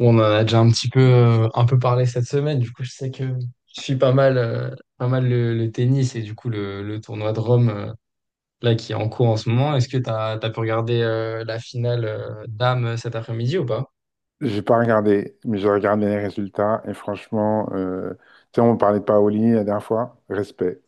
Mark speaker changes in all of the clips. Speaker 1: On en a déjà un petit peu, un peu parlé cette semaine. Du coup, je sais que je suis pas mal le, tennis et du coup le tournoi de Rome là qui est en cours en ce moment. Est-ce que t'as pu regarder la finale dames cet après-midi, ou pas?
Speaker 2: J'ai pas regardé, mais j'ai regardé les résultats et franchement, tu sais, on parlait de Paoli la dernière fois, respect.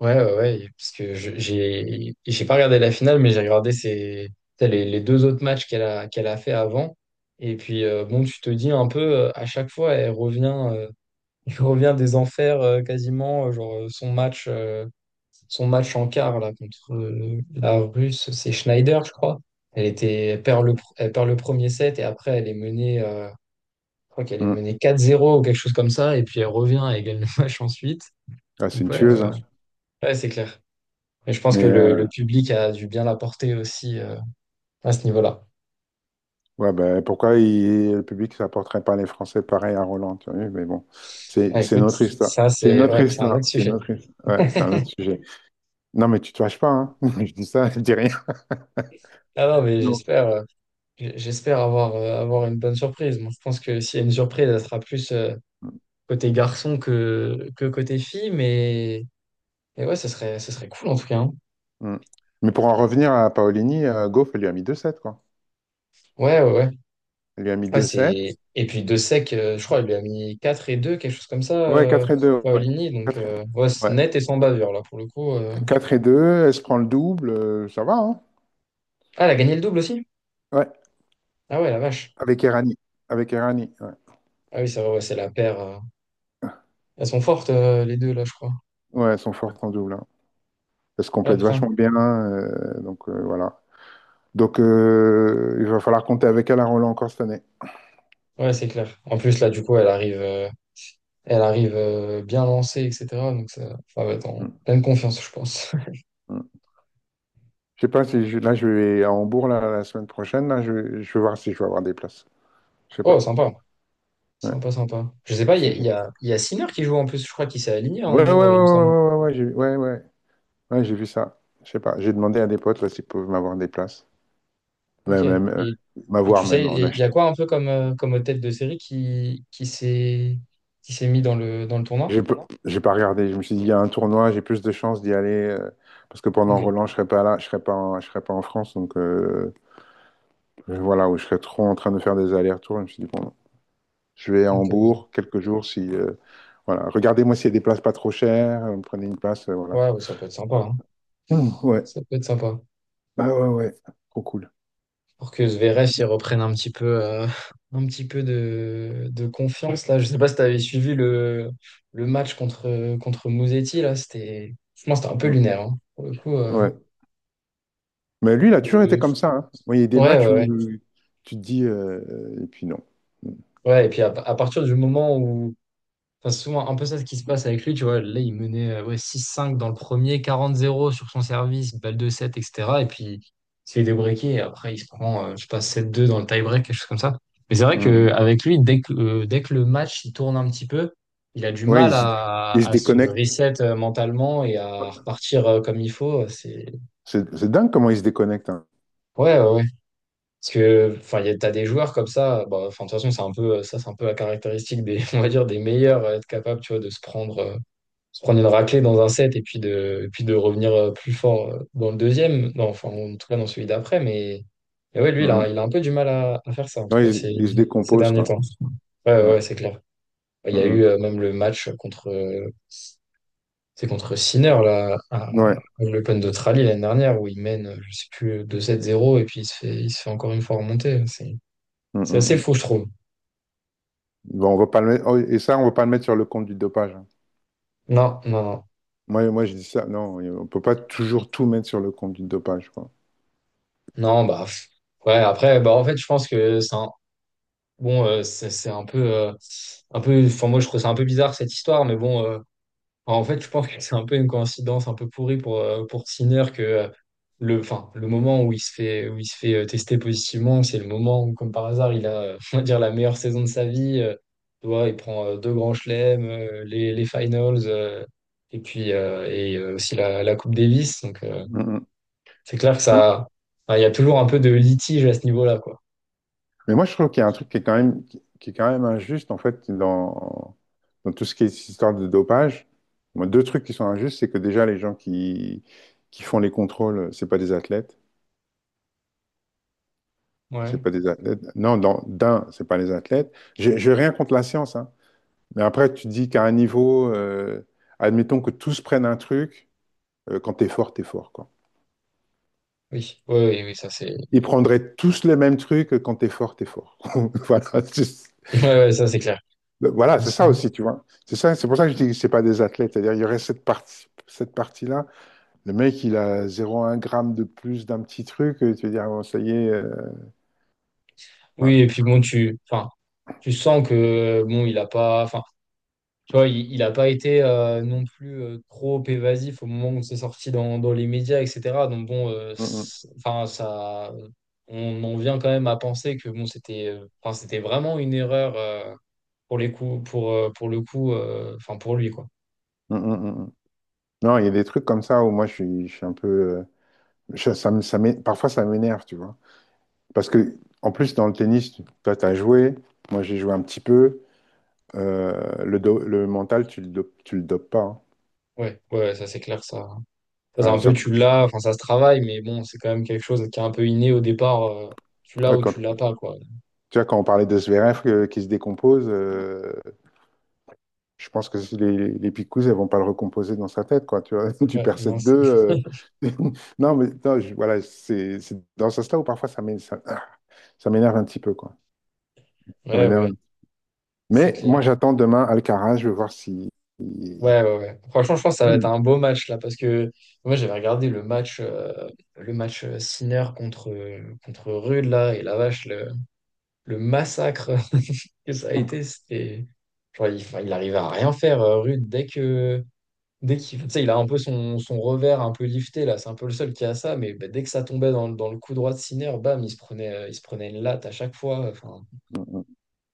Speaker 1: Ouais, ouais, ouais, parce que j'ai pas regardé la finale, mais j'ai regardé ses, t'sais, les deux autres matchs qu'elle a fait avant. Et puis, bon, tu te dis un peu, à chaque fois, elle revient, euh, elle revient des enfers quasiment, genre son match. Son match en quart là, contre la Russe, c'est Schneider, je crois. Elle perd elle perd le premier set et après elle est menée, je crois qu'elle est
Speaker 2: Mm.
Speaker 1: menée 4-0 ou quelque chose comme ça, et puis elle revient et gagne le match ensuite.
Speaker 2: Ah, c'est
Speaker 1: Donc
Speaker 2: une
Speaker 1: ouais,
Speaker 2: tueuse, hein.
Speaker 1: ouais, c'est clair. Et je pense que
Speaker 2: Mais
Speaker 1: le, le public a dû bien l'apporter aussi à ce niveau-là.
Speaker 2: ouais, ben, pourquoi le public ne s'apporterait pas les Français pareil à Roland, tu vois, mais bon, c'est
Speaker 1: Ah,
Speaker 2: c'est une
Speaker 1: écoute,
Speaker 2: autre histoire.
Speaker 1: ça
Speaker 2: C'est une
Speaker 1: c'est
Speaker 2: autre
Speaker 1: ouais, c'est un
Speaker 2: histoire,
Speaker 1: autre
Speaker 2: c'est une
Speaker 1: sujet.
Speaker 2: autre his- ouais, c'est un autre sujet. Non, mais tu te fâches pas, hein. Je dis ça, je dis rien.
Speaker 1: Ah non, mais
Speaker 2: Non.
Speaker 1: j'espère avoir une bonne surprise. Moi, je pense que s'il y a une surprise, elle sera plus côté garçon que côté fille, mais Et ouais, ça serait cool en tout cas, hein.
Speaker 2: Mm. Mais pour en revenir à Paolini, Goff, elle lui a mis deux 7 quoi.
Speaker 1: Ouais, ouais, ouais.
Speaker 2: Elle lui a mis
Speaker 1: Ouais,
Speaker 2: deux 7.
Speaker 1: c'est. Et puis de sec, je crois, il lui a mis 4 et deux, quelque chose comme ça,
Speaker 2: Ouais, 4 et 2. Ouais.
Speaker 1: Paolini. Donc,
Speaker 2: 4 deux.
Speaker 1: ouais, c'est
Speaker 2: Ouais.
Speaker 1: net et sans bavure, là, pour le coup.
Speaker 2: 4 et 2, elle se prend le double, ça va, hein?
Speaker 1: Ah, elle a gagné le double aussi?
Speaker 2: Ouais,
Speaker 1: Ah ouais, la vache.
Speaker 2: avec Errani. Avec Errani, ouais.
Speaker 1: Ah oui, c'est vrai, ouais, c'est la paire. Elles sont fortes, les deux, là, je crois.
Speaker 2: Ouais, elles sont fortes en double, hein. Elles se
Speaker 1: Ah
Speaker 2: complètent
Speaker 1: putain.
Speaker 2: vachement bien, voilà. Donc il va falloir compter avec elle à Roland encore cette année.
Speaker 1: Ouais, c'est clair. En plus, là, du coup, elle arrive bien lancée, etc. Donc, ça va être en
Speaker 2: Mm,
Speaker 1: pleine confiance, je pense.
Speaker 2: mm. Je sais pas si là je vais à Hambourg là, la semaine prochaine, là je vais voir si je vais avoir des places. Je sais
Speaker 1: Oh,
Speaker 2: pas.
Speaker 1: sympa.
Speaker 2: Ouais,
Speaker 1: Sympa, sympa. Je sais pas, il y a,
Speaker 2: Si
Speaker 1: il
Speaker 2: j'ai-
Speaker 1: y a, il y a Sinner qui joue en plus, je crois qu'il s'est aligné à
Speaker 2: ouais,
Speaker 1: Hambourg, il me semble.
Speaker 2: j'ai ouais, ouais. Ouais, j'ai vu ça. Je sais pas. J'ai demandé à des potes là s'ils peuvent m'avoir des places.
Speaker 1: Ok.
Speaker 2: Même, même, euh,
Speaker 1: Et
Speaker 2: m'avoir
Speaker 1: tu sais,
Speaker 2: même en
Speaker 1: il y a
Speaker 2: achetant.
Speaker 1: quoi un peu comme, comme tête de série qui s'est mis dans le tournoi?
Speaker 2: J'ai pas, j'ai pas regardé. Je me suis dit, il y a un tournoi, j'ai plus de chances d'y aller. Parce que pendant
Speaker 1: Ok.
Speaker 2: Roland, je serais pas en France. Donc voilà, où je serais trop en train de faire des allers-retours. Je me suis dit, bon, je vais à
Speaker 1: Ok, ok.
Speaker 2: Hambourg quelques jours. Si, voilà. Regardez-moi s'il y a des places pas trop chères. Prenez une place, voilà.
Speaker 1: Ouais, ouais, ça peut être sympa, hein.
Speaker 2: Ouais,
Speaker 1: Ça peut être sympa.
Speaker 2: ah ouais, ouais. Trop cool.
Speaker 1: Pour que Zverev il reprenne un petit peu, un petit peu de confiance là. Je sais pas si tu avais suivi le match contre Musetti là. Franchement, c'était un peu
Speaker 2: Hum.
Speaker 1: lunaire, hein. Pour le coup,
Speaker 2: Ouais. Mais lui, il a toujours été
Speaker 1: euh,
Speaker 2: comme ça, hein. Moi, il y a des
Speaker 1: ouais,
Speaker 2: matchs
Speaker 1: ouais,
Speaker 2: où
Speaker 1: ouais.
Speaker 2: tu te dis, et puis non. Hum,
Speaker 1: Ouais, et puis à partir du moment où, enfin, c'est souvent un peu ça ce qui se passe avec lui, tu vois. Là, il menait ouais, six cinq dans le premier, quarante zéro sur son service, balle de 7, etc. Et puis, il se fait et après, il se prend, je sais pas, sept deux dans le tie-break, quelque chose comme ça. Mais c'est vrai
Speaker 2: hum.
Speaker 1: qu'avec lui, dès que le match il tourne un petit peu, il a du
Speaker 2: Ouais,
Speaker 1: mal à,
Speaker 2: il se
Speaker 1: à se
Speaker 2: déconnecte.
Speaker 1: reset mentalement et à
Speaker 2: Ouais.
Speaker 1: repartir comme il faut. C'est.
Speaker 2: C'est dingue comment il se déconnecte, hein.
Speaker 1: Ouais, ouais, ouais. Parce que, enfin, t'as des joueurs comme ça, bah, enfin, de toute façon, c'est un peu, ça, c'est un peu la caractéristique des, on va dire, des meilleurs, à être capable, tu vois, de se prendre, se prendre une raclée dans un set et puis de revenir plus fort dans le deuxième, non, enfin en tout cas dans celui d'après, mais ouais, lui,
Speaker 2: Mmh,
Speaker 1: il a,
Speaker 2: mmh.
Speaker 1: il a un peu du mal à faire ça, en tout cas
Speaker 2: Ouais,
Speaker 1: ces,
Speaker 2: ils se
Speaker 1: ces
Speaker 2: décomposent
Speaker 1: derniers
Speaker 2: quand
Speaker 1: temps.
Speaker 2: même.
Speaker 1: Ouais, ouais,
Speaker 2: Ouais.
Speaker 1: ouais, c'est clair. Il y a eu
Speaker 2: Mm,
Speaker 1: même le match contre Sinner, là, à,
Speaker 2: mm.
Speaker 1: à
Speaker 2: Ouais.
Speaker 1: l'Open d'Australie l'année dernière, où il mène, je sais plus, deux 7 zéro et puis il se fait encore une fois remonter. C'est,
Speaker 2: Mm,
Speaker 1: c'est
Speaker 2: mm,
Speaker 1: assez
Speaker 2: mm.
Speaker 1: fou, je trouve.
Speaker 2: Bon, on va pas le mettre... oh, et ça, on va pas le mettre sur le compte du dopage, hein.
Speaker 1: Non, non, non.
Speaker 2: Moi, je dis ça. Non, on peut pas toujours tout mettre sur le compte du dopage, quoi.
Speaker 1: Non, bah, pff. Ouais, après, bah, en fait, je pense que ça. Bon, c'est un peu, un peu. Enfin, moi, je trouve ça un peu bizarre cette histoire, mais bon. Enfin, en fait, je pense que c'est un peu une coïncidence un peu pourrie pour Sinner que le, enfin, le moment où il se fait tester positivement, c'est le moment où, comme par hasard, il a, on va dire, la meilleure saison de sa vie. Tu vois, il prend deux grands chelems, les finals, et puis aussi la Coupe Davis. Donc,
Speaker 2: Mm, mm.
Speaker 1: c'est clair que
Speaker 2: Non.
Speaker 1: ça, enfin, il y a toujours un peu de litige à ce niveau-là, quoi.
Speaker 2: Mais moi, je trouve qu'il y a un truc qui est quand même, qui est quand même injuste, en fait, dans tout ce qui est cette histoire de dopage. Moi, deux trucs qui sont injustes, c'est que déjà, qui font les contrôles, c'est pas des athlètes. C'est
Speaker 1: Ouais.
Speaker 2: pas des athlètes. Non, dans, d'un, c'est pas les athlètes. J'ai rien contre la science, hein. Mais après, tu dis qu'à un niveau, admettons que tous prennent un truc, quand t'es fort, quoi.
Speaker 1: Oui, oui, oui, oui, ça c'est.
Speaker 2: Ils prendraient tous le même truc, quand t'es fort, t'es fort. Voilà,
Speaker 1: Ouais, ouais, ça c'est clair. Je
Speaker 2: c'est
Speaker 1: pense,
Speaker 2: ça aussi, tu vois. C'est ça, c'est pour ça que je dis que c'est pas des athlètes. C'est-à-dire, il y aurait cette partie-là. Le mec, il a 0,1 gramme de plus d'un petit truc, tu veux dire, bon, ça y est.
Speaker 1: oui,
Speaker 2: Ouais.
Speaker 1: et puis bon, tu, enfin, tu sens que bon, il a pas, enfin, tu vois, il a pas été non plus trop évasif au moment où c'est sorti dans les médias, etc. Donc bon,
Speaker 2: Mm,
Speaker 1: enfin, ça, on en vient quand même à penser que bon, c'était vraiment une erreur pour les coups, pour le coup, enfin pour lui, quoi.
Speaker 2: mm, mm, mm, mm, mm. Non, il y a des trucs comme ça où moi, je suis un peu. Je- ça me- ça m'é- Parfois, ça m'énerve, tu vois. Parce que, en plus, dans le tennis, toi, tu as joué, moi, j'ai joué un petit peu. Le mental, tu le dopes pas, hein.
Speaker 1: Ouais, ouais, ouais, ça c'est clair, ça. Ça, c'est
Speaker 2: Ah,
Speaker 1: un peu
Speaker 2: surtout
Speaker 1: tu
Speaker 2: qu'il-
Speaker 1: l'as, enfin ça se travaille, mais bon, c'est quand même quelque chose qui est un peu inné au départ. Tu l'as
Speaker 2: ouais,
Speaker 1: ou
Speaker 2: quand,
Speaker 1: tu l'as pas, quoi.
Speaker 2: tu vois, quand on parlait de Zverev qui se décompose, je pense que si les Picous, elles vont pas le recomposer dans sa tête, quoi. Tu vois, tu
Speaker 1: Ouais,
Speaker 2: perds
Speaker 1: non,
Speaker 2: 7 deux Non, voilà, c'est dans ce sens-là où parfois ça m'énerve un petit peu, quoi. Ça
Speaker 1: ouais, ouais,
Speaker 2: m'énerve.
Speaker 1: c'est
Speaker 2: Mais
Speaker 1: clair.
Speaker 2: moi, j'attends demain Alcaraz, je veux voir si. Si,
Speaker 1: Ouais, ouais, ouais. Franchement, je pense que ça va être
Speaker 2: Mm.
Speaker 1: un beau match là, parce que moi j'avais regardé le match Sinner contre Rude là, et la vache, le massacre que ça a été, c'était. Genre, il, enfin, il arrivait à rien faire, Rude, dès que. Dès qu'il, tu sais, il a un peu son revers un peu lifté là, c'est un peu le seul qui a ça, mais bah, dès que ça tombait dans le coup droit de Sinner, bam, il se prenait une latte à chaque fois. Enfin,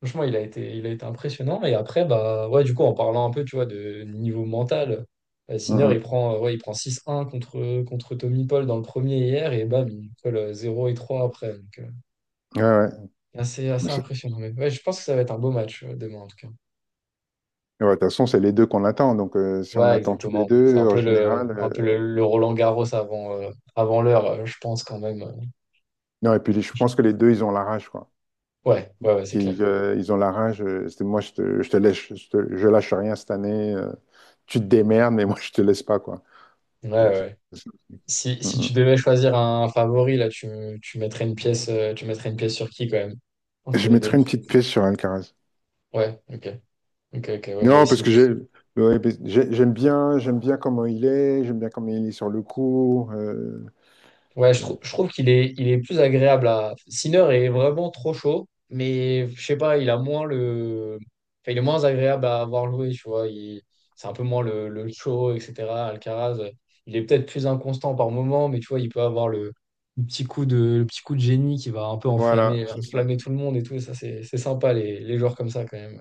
Speaker 1: franchement, il a été impressionnant. Et après, bah, ouais, du coup, en parlant un peu, tu vois, de niveau mental,
Speaker 2: Mm,
Speaker 1: Sinner,
Speaker 2: mm.
Speaker 1: ouais, il prend six un contre Tommy Paul dans le premier hier, et bam, il colle 0 et 3 après. Donc,
Speaker 2: Ouais, ouais.
Speaker 1: assez,
Speaker 2: Mais
Speaker 1: assez impressionnant. Mais ouais, je pense que ça va être un beau match, demain, en tout cas.
Speaker 2: Mais ouais, de toute façon, c'est les deux qu'on attend. Donc, si on
Speaker 1: Ouais,
Speaker 2: attend tous les
Speaker 1: exactement. C'est un
Speaker 2: deux, en
Speaker 1: peu le,
Speaker 2: général.
Speaker 1: un peu le Roland Garros avant, avant l'heure, je pense, quand même.
Speaker 2: Non, et puis je pense que les deux, ils ont la rage, quoi.
Speaker 1: Ouais, ouais, ouais, c'est clair.
Speaker 2: Ils ont la rage. Moi, je te laisse je lâche rien cette année. Tu te démerdes, mais moi, je te laisse pas, quoi.
Speaker 1: Ouais, ouais,
Speaker 2: Donc,
Speaker 1: ouais.
Speaker 2: c'est- c'est-
Speaker 1: Si
Speaker 2: Mm, mm.
Speaker 1: tu devais choisir un favori, là, tu mettrais une pièce sur qui, quand même,
Speaker 2: Je
Speaker 1: entre les deux?
Speaker 2: mettrai une petite pièce sur Alcaraz.
Speaker 1: Ouais, ok. Ok, ok, ouais, moi
Speaker 2: Non, parce
Speaker 1: aussi.
Speaker 2: que j'ai, Ouais, parce que j'aime bien, j'aime bien comment il est sur le cours.
Speaker 1: Ouais, je,
Speaker 2: Euh,
Speaker 1: je trouve qu'il est plus agréable à. Sinner est vraiment trop chaud, mais je sais pas, il a moins le. Enfin, il est moins agréable à avoir joué, tu vois. Il. C'est un peu moins le show, etc. Alcaraz, il est peut-être plus inconstant par moment, mais tu vois, il peut avoir le petit coup de génie qui va un peu
Speaker 2: voilà, c'est ça.
Speaker 1: enflammer tout le monde et tout. Ça, c'est sympa, les joueurs comme ça, quand même,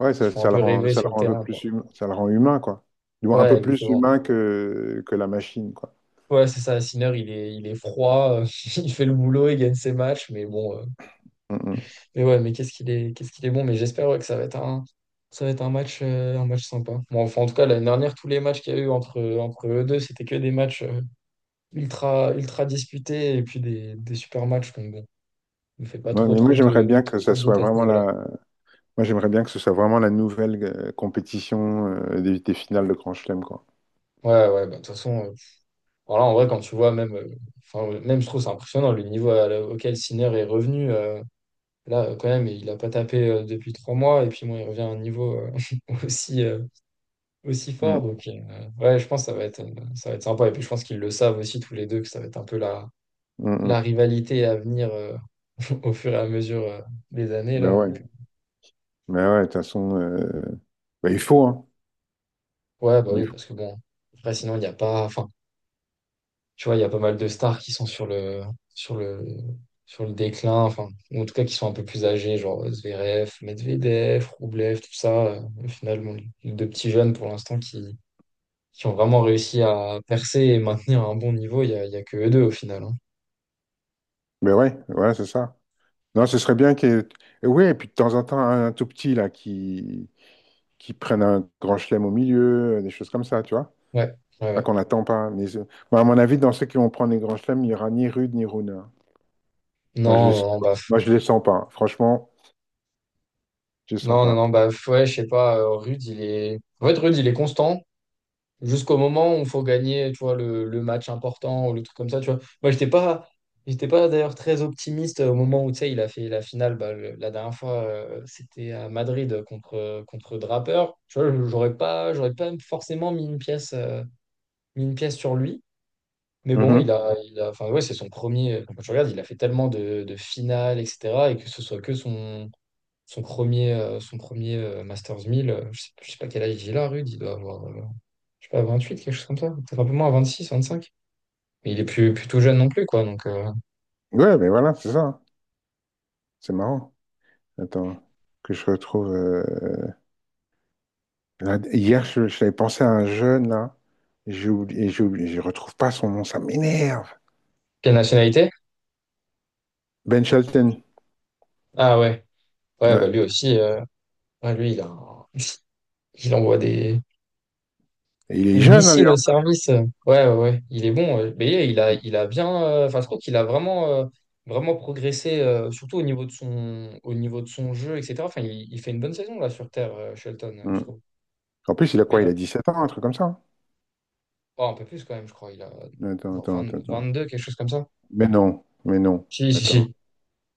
Speaker 2: Ouais,
Speaker 1: qui
Speaker 2: ça,
Speaker 1: font un peu rêver
Speaker 2: ça le
Speaker 1: sur le
Speaker 2: rend un peu
Speaker 1: terrain,
Speaker 2: plus
Speaker 1: quoi.
Speaker 2: humain, ça le rend humain, quoi. Du moins, un
Speaker 1: Ouais,
Speaker 2: peu plus
Speaker 1: exactement.
Speaker 2: humain que la machine, quoi.
Speaker 1: Ouais, c'est ça, Sinner, il est froid, il fait le boulot, il gagne ses matchs, mais bon,
Speaker 2: Mm, mm.
Speaker 1: mais ouais, mais qu'est-ce qu'il est bon, mais j'espère, ouais, que ça va être un match sympa. Bon, enfin, en tout cas, l'année dernière, tous les matchs qu'il y a eu entre eux deux, c'était que des matchs ultra disputés et puis des super matchs, donc bon, ne fait pas
Speaker 2: Ouais,
Speaker 1: trop,
Speaker 2: mais moi,
Speaker 1: trop
Speaker 2: j'aimerais
Speaker 1: de,
Speaker 2: bien que
Speaker 1: trop
Speaker 2: ça
Speaker 1: de doute
Speaker 2: soit
Speaker 1: à ce
Speaker 2: vraiment
Speaker 1: niveau-là.
Speaker 2: la, moi, j'aimerais bien que ce soit vraiment la nouvelle compétition des finales de Grand Chelem, quoi.
Speaker 1: Ouais, ouais, bah, de toute façon, voilà, en vrai, quand tu vois, même, même, je trouve, c'est impressionnant le niveau auquel Sinner est revenu. Là, quand même, il a pas tapé depuis 3 mois, et puis moi, il revient à un niveau aussi, euh, aussi
Speaker 2: Mm,
Speaker 1: fort. Donc, ouais, je pense que ça va être sympa. Et puis, je pense qu'ils le savent aussi tous les deux, que ça va être un peu la,
Speaker 2: mm,
Speaker 1: la
Speaker 2: mm.
Speaker 1: rivalité à venir au fur et à mesure des années,
Speaker 2: Ben
Speaker 1: là.
Speaker 2: ouais,
Speaker 1: Donc,
Speaker 2: ben ouais, de toute façon, ben il faut, hein.
Speaker 1: ouais, bah
Speaker 2: Il
Speaker 1: oui,
Speaker 2: faut.
Speaker 1: parce que bon, après, sinon, il n'y a pas, enfin, tu vois, il y a pas mal de stars qui sont sur le, sur le déclin, enfin, ou en tout cas, qui sont un peu plus âgés, genre Zverev, Medvedev, Roublev, tout ça. Au final, bon, les deux petits jeunes pour l'instant qui ont vraiment réussi à percer et maintenir un bon niveau, il y a que eux deux au final, hein.
Speaker 2: Ben ouais, voilà c'est ça. Non, ce serait bien qu'il y ait... Et ouais, et puis de temps en temps, un tout petit, là, qui prenne un Grand Chelem au milieu, des choses comme ça, tu vois.
Speaker 1: Ouais, ouais,
Speaker 2: Ah,
Speaker 1: ouais.
Speaker 2: qu'on n'attend pas. Moi, à mon avis, dans ceux qui vont prendre les grands chelems, il n'y aura ni Rude ni Runa. Moi, je
Speaker 1: Non,
Speaker 2: les... sens
Speaker 1: non, non,
Speaker 2: pas.
Speaker 1: baf.
Speaker 2: Moi, je les sens pas. Franchement, je les sens
Speaker 1: Non, non,
Speaker 2: pas.
Speaker 1: non, baf. Ouais, je sais pas, Rude, il est. En fait, Rude, il est constant jusqu'au moment où il faut gagner, tu vois, le match important ou le truc comme ça, tu vois. Moi, j'étais pas. J'étais pas d'ailleurs très optimiste au moment où, tu sais, il a fait la finale, bah, la dernière fois, c'était à Madrid contre Draper. Tu vois, j'aurais pas forcément mis une pièce sur lui. Mais bon, il
Speaker 2: Mhm.
Speaker 1: a, il a, enfin ouais, c'est son premier. Quand tu regardes, il a fait tellement de finales, etc. Et que ce soit que son premier son premier Masters 1000 je sais pas quel âge il a, Rude, il doit avoir, je sais pas, 28 quelque chose comme ça. Peut-être un peu moins, 26 25. Mais il est plus tout jeune non plus, quoi. Donc,
Speaker 2: Ouais, mais voilà, c'est ça. C'est marrant. Attends, que je retrouve. Là, hier, je t'avais pensé à un jeune, là. J'ai oublié, je retrouve pas son nom, ça m'énerve.
Speaker 1: quelle nationalité?
Speaker 2: Ben Shelton.
Speaker 1: Ah ouais, ouais,
Speaker 2: Ouais.
Speaker 1: bah lui aussi, ouais, lui, il envoie des,
Speaker 2: Et il est
Speaker 1: et
Speaker 2: jeune, hein, lui,
Speaker 1: missile
Speaker 2: hein.
Speaker 1: au service, ouais, ouais, ouais, il est bon, ouais. Mais il a bien. Enfin, je trouve qu'il a vraiment progressé, surtout au niveau de son jeu, etc. Enfin, il fait une bonne saison là sur Terre, Shelton, je
Speaker 2: Mhm.
Speaker 1: trouve.
Speaker 2: En plus, il a
Speaker 1: Ouais,
Speaker 2: quoi?
Speaker 1: il
Speaker 2: Il
Speaker 1: a
Speaker 2: a 17 ans, un truc comme ça, hein.
Speaker 1: oh, un peu plus quand même, je crois. Il a genre 20
Speaker 2: Attends.
Speaker 1: 22, quelque chose comme ça.
Speaker 2: Mais non, mais non.
Speaker 1: Si, si,
Speaker 2: Attends.
Speaker 1: si.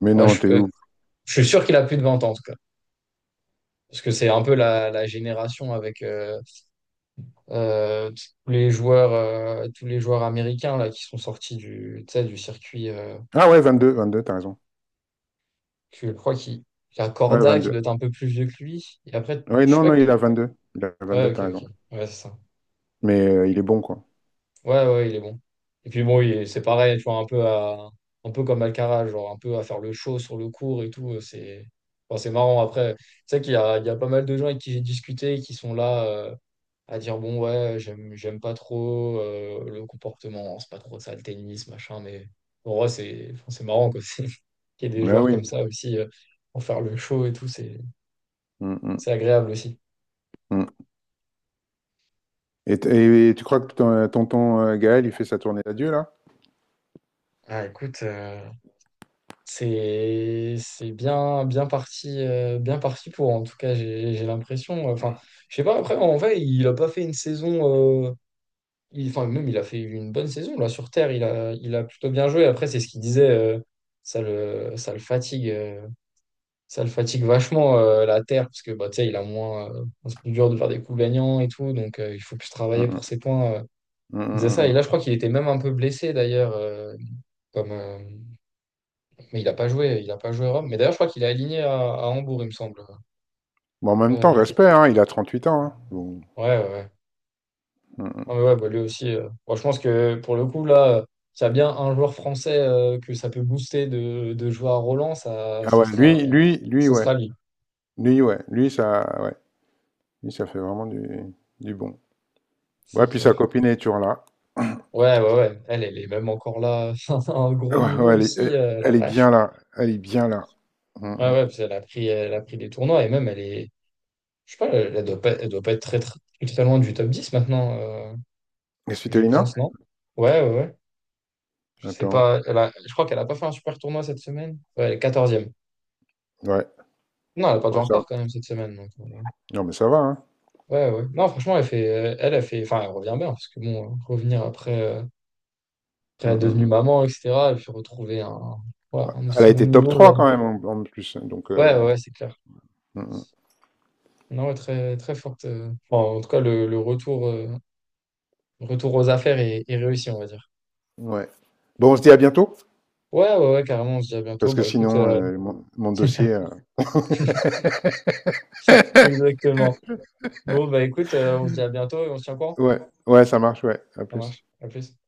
Speaker 2: Mais
Speaker 1: Ouais,
Speaker 2: non,
Speaker 1: je,
Speaker 2: t'es
Speaker 1: euh,
Speaker 2: où?
Speaker 1: je suis sûr qu'il a plus de 20 ans en tout cas. Parce que c'est un peu la génération avec euh, tous les joueurs américains là, qui sont sortis du, tu sais, du circuit.
Speaker 2: Ah ouais, 22, t'as raison.
Speaker 1: Que je crois qu'il y a
Speaker 2: Ouais, vingt
Speaker 1: Corda qui doit être
Speaker 2: deux.
Speaker 1: un peu plus vieux que lui. Et après,
Speaker 2: Oui,
Speaker 1: je sais
Speaker 2: non,
Speaker 1: pas.
Speaker 2: non, il a 22. Il a vingt
Speaker 1: Ouais,
Speaker 2: deux,
Speaker 1: ok,
Speaker 2: t'as raison.
Speaker 1: ok. Ouais, c'est ça.
Speaker 2: Mais il est bon, quoi.
Speaker 1: Ouais, ouais, il est bon. Et puis bon, c'est pareil, tu vois, un peu comme Alcaraz, genre un peu à faire le show sur le court et tout. Enfin, c'est marrant. Après, c'est sais qu'il y a pas mal de gens avec qui j'ai discuté qui sont là à dire bon, ouais, j'aime pas trop le comportement, c'est pas trop ça le tennis, machin. Mais en vrai, enfin, c'est marrant quoi. Qu'il y ait des
Speaker 2: Mais
Speaker 1: joueurs comme
Speaker 2: oui.
Speaker 1: ça aussi pour faire le show et tout, c'est
Speaker 2: Mm, mm,
Speaker 1: C'est agréable aussi.
Speaker 2: mm. Et, et tu crois que ton, tonton Gaël, il fait sa tournée d'adieu, là?
Speaker 1: Ah, écoute, c'est bien parti pour, en tout cas j'ai l'impression, enfin je sais pas, après en vrai il a pas fait une saison enfin même il a fait une bonne saison là sur Terre, il a plutôt bien joué, après c'est ce qu'il disait, ça le ça le fatigue euh, ça le fatigue vachement la Terre, parce que bah tu sais il a moins, c'est plus dur de faire des coups gagnants et tout, donc il faut plus travailler
Speaker 2: Mm,
Speaker 1: pour ses points.
Speaker 2: mm,
Speaker 1: Il disait
Speaker 2: mm, mm,
Speaker 1: ça, et là je
Speaker 2: mm.
Speaker 1: crois qu'il était même un peu blessé d'ailleurs, comme mais il a pas joué à Rome. Mais d'ailleurs, je crois qu'il est aligné à Hambourg, il me semble.
Speaker 2: Bon, en même temps,
Speaker 1: Monti.
Speaker 2: respect, hein, il a 38 ans, hein. Bon.
Speaker 1: Ouais, ouais, ouais.
Speaker 2: Mm,
Speaker 1: Non,
Speaker 2: mm.
Speaker 1: mais ouais, bah, lui aussi. Bon, je pense que pour le coup, là, s'il y a bien un joueur français que ça peut booster de jouer à Roland, ça,
Speaker 2: Ah
Speaker 1: ce
Speaker 2: ouais,
Speaker 1: sera,
Speaker 2: lui,
Speaker 1: ce
Speaker 2: ouais.
Speaker 1: sera lui.
Speaker 2: Lui, ouais. Lui, ça, ouais. Lui, ça fait vraiment du bon. Ouais,
Speaker 1: C'est
Speaker 2: puis
Speaker 1: clair.
Speaker 2: sa copine est toujours là.
Speaker 1: Ouais, ouais, ouais. Elle est même encore là à un gros
Speaker 2: Ouais,
Speaker 1: niveau
Speaker 2: ouais,
Speaker 1: aussi, la
Speaker 2: elle est
Speaker 1: vache.
Speaker 2: bien là. Elle est bien là. Mm,
Speaker 1: Ouais,
Speaker 2: mm.
Speaker 1: ouais, parce qu'elle a pris des tournois et même elle est. Je sais pas, elle doit pas, elle doit pas être très, très, très loin du top 10 maintenant,
Speaker 2: Et
Speaker 1: je
Speaker 2: Svitolina?
Speaker 1: pense, non? Ouais, ouais, ouais. Je sais
Speaker 2: Attends.
Speaker 1: pas, je crois qu'elle a pas fait un super tournoi cette semaine. Ouais, elle est 14.
Speaker 2: Ouais.
Speaker 1: Non, elle a perdu
Speaker 2: Bon, ça,
Speaker 1: encore quand même cette semaine, donc
Speaker 2: non, mais ça va, hein.
Speaker 1: ouais, ouais. Non, franchement, elle fait, enfin, elle revient bien, parce que bon, revenir après, après
Speaker 2: Mm,
Speaker 1: être devenue
Speaker 2: mm.
Speaker 1: maman, etc. Elle fait retrouver un, ouais, un
Speaker 2: Elle a
Speaker 1: aussi bon
Speaker 2: été top
Speaker 1: niveau.
Speaker 2: 3
Speaker 1: euh.
Speaker 2: quand même en, en plus, hein. Donc,
Speaker 1: Ouais, ouais, ouais, c'est clair.
Speaker 2: mm, mm,
Speaker 1: Non, ouais, très, très forte. Enfin, en tout cas, le retour, retour aux affaires est réussi, on va dire.
Speaker 2: ouais. Bon, on se dit à bientôt,
Speaker 1: Ouais, ouais, ouais, carrément. On se dit à bientôt.
Speaker 2: parce que
Speaker 1: Bah écoute,
Speaker 2: sinon, mon dossier.
Speaker 1: exactement. Bon, bah écoute, on se dit à bientôt et on se tient au courant.
Speaker 2: Ouais, ouais, ça marche, ouais. À
Speaker 1: Ça
Speaker 2: plus.
Speaker 1: marche. À plus.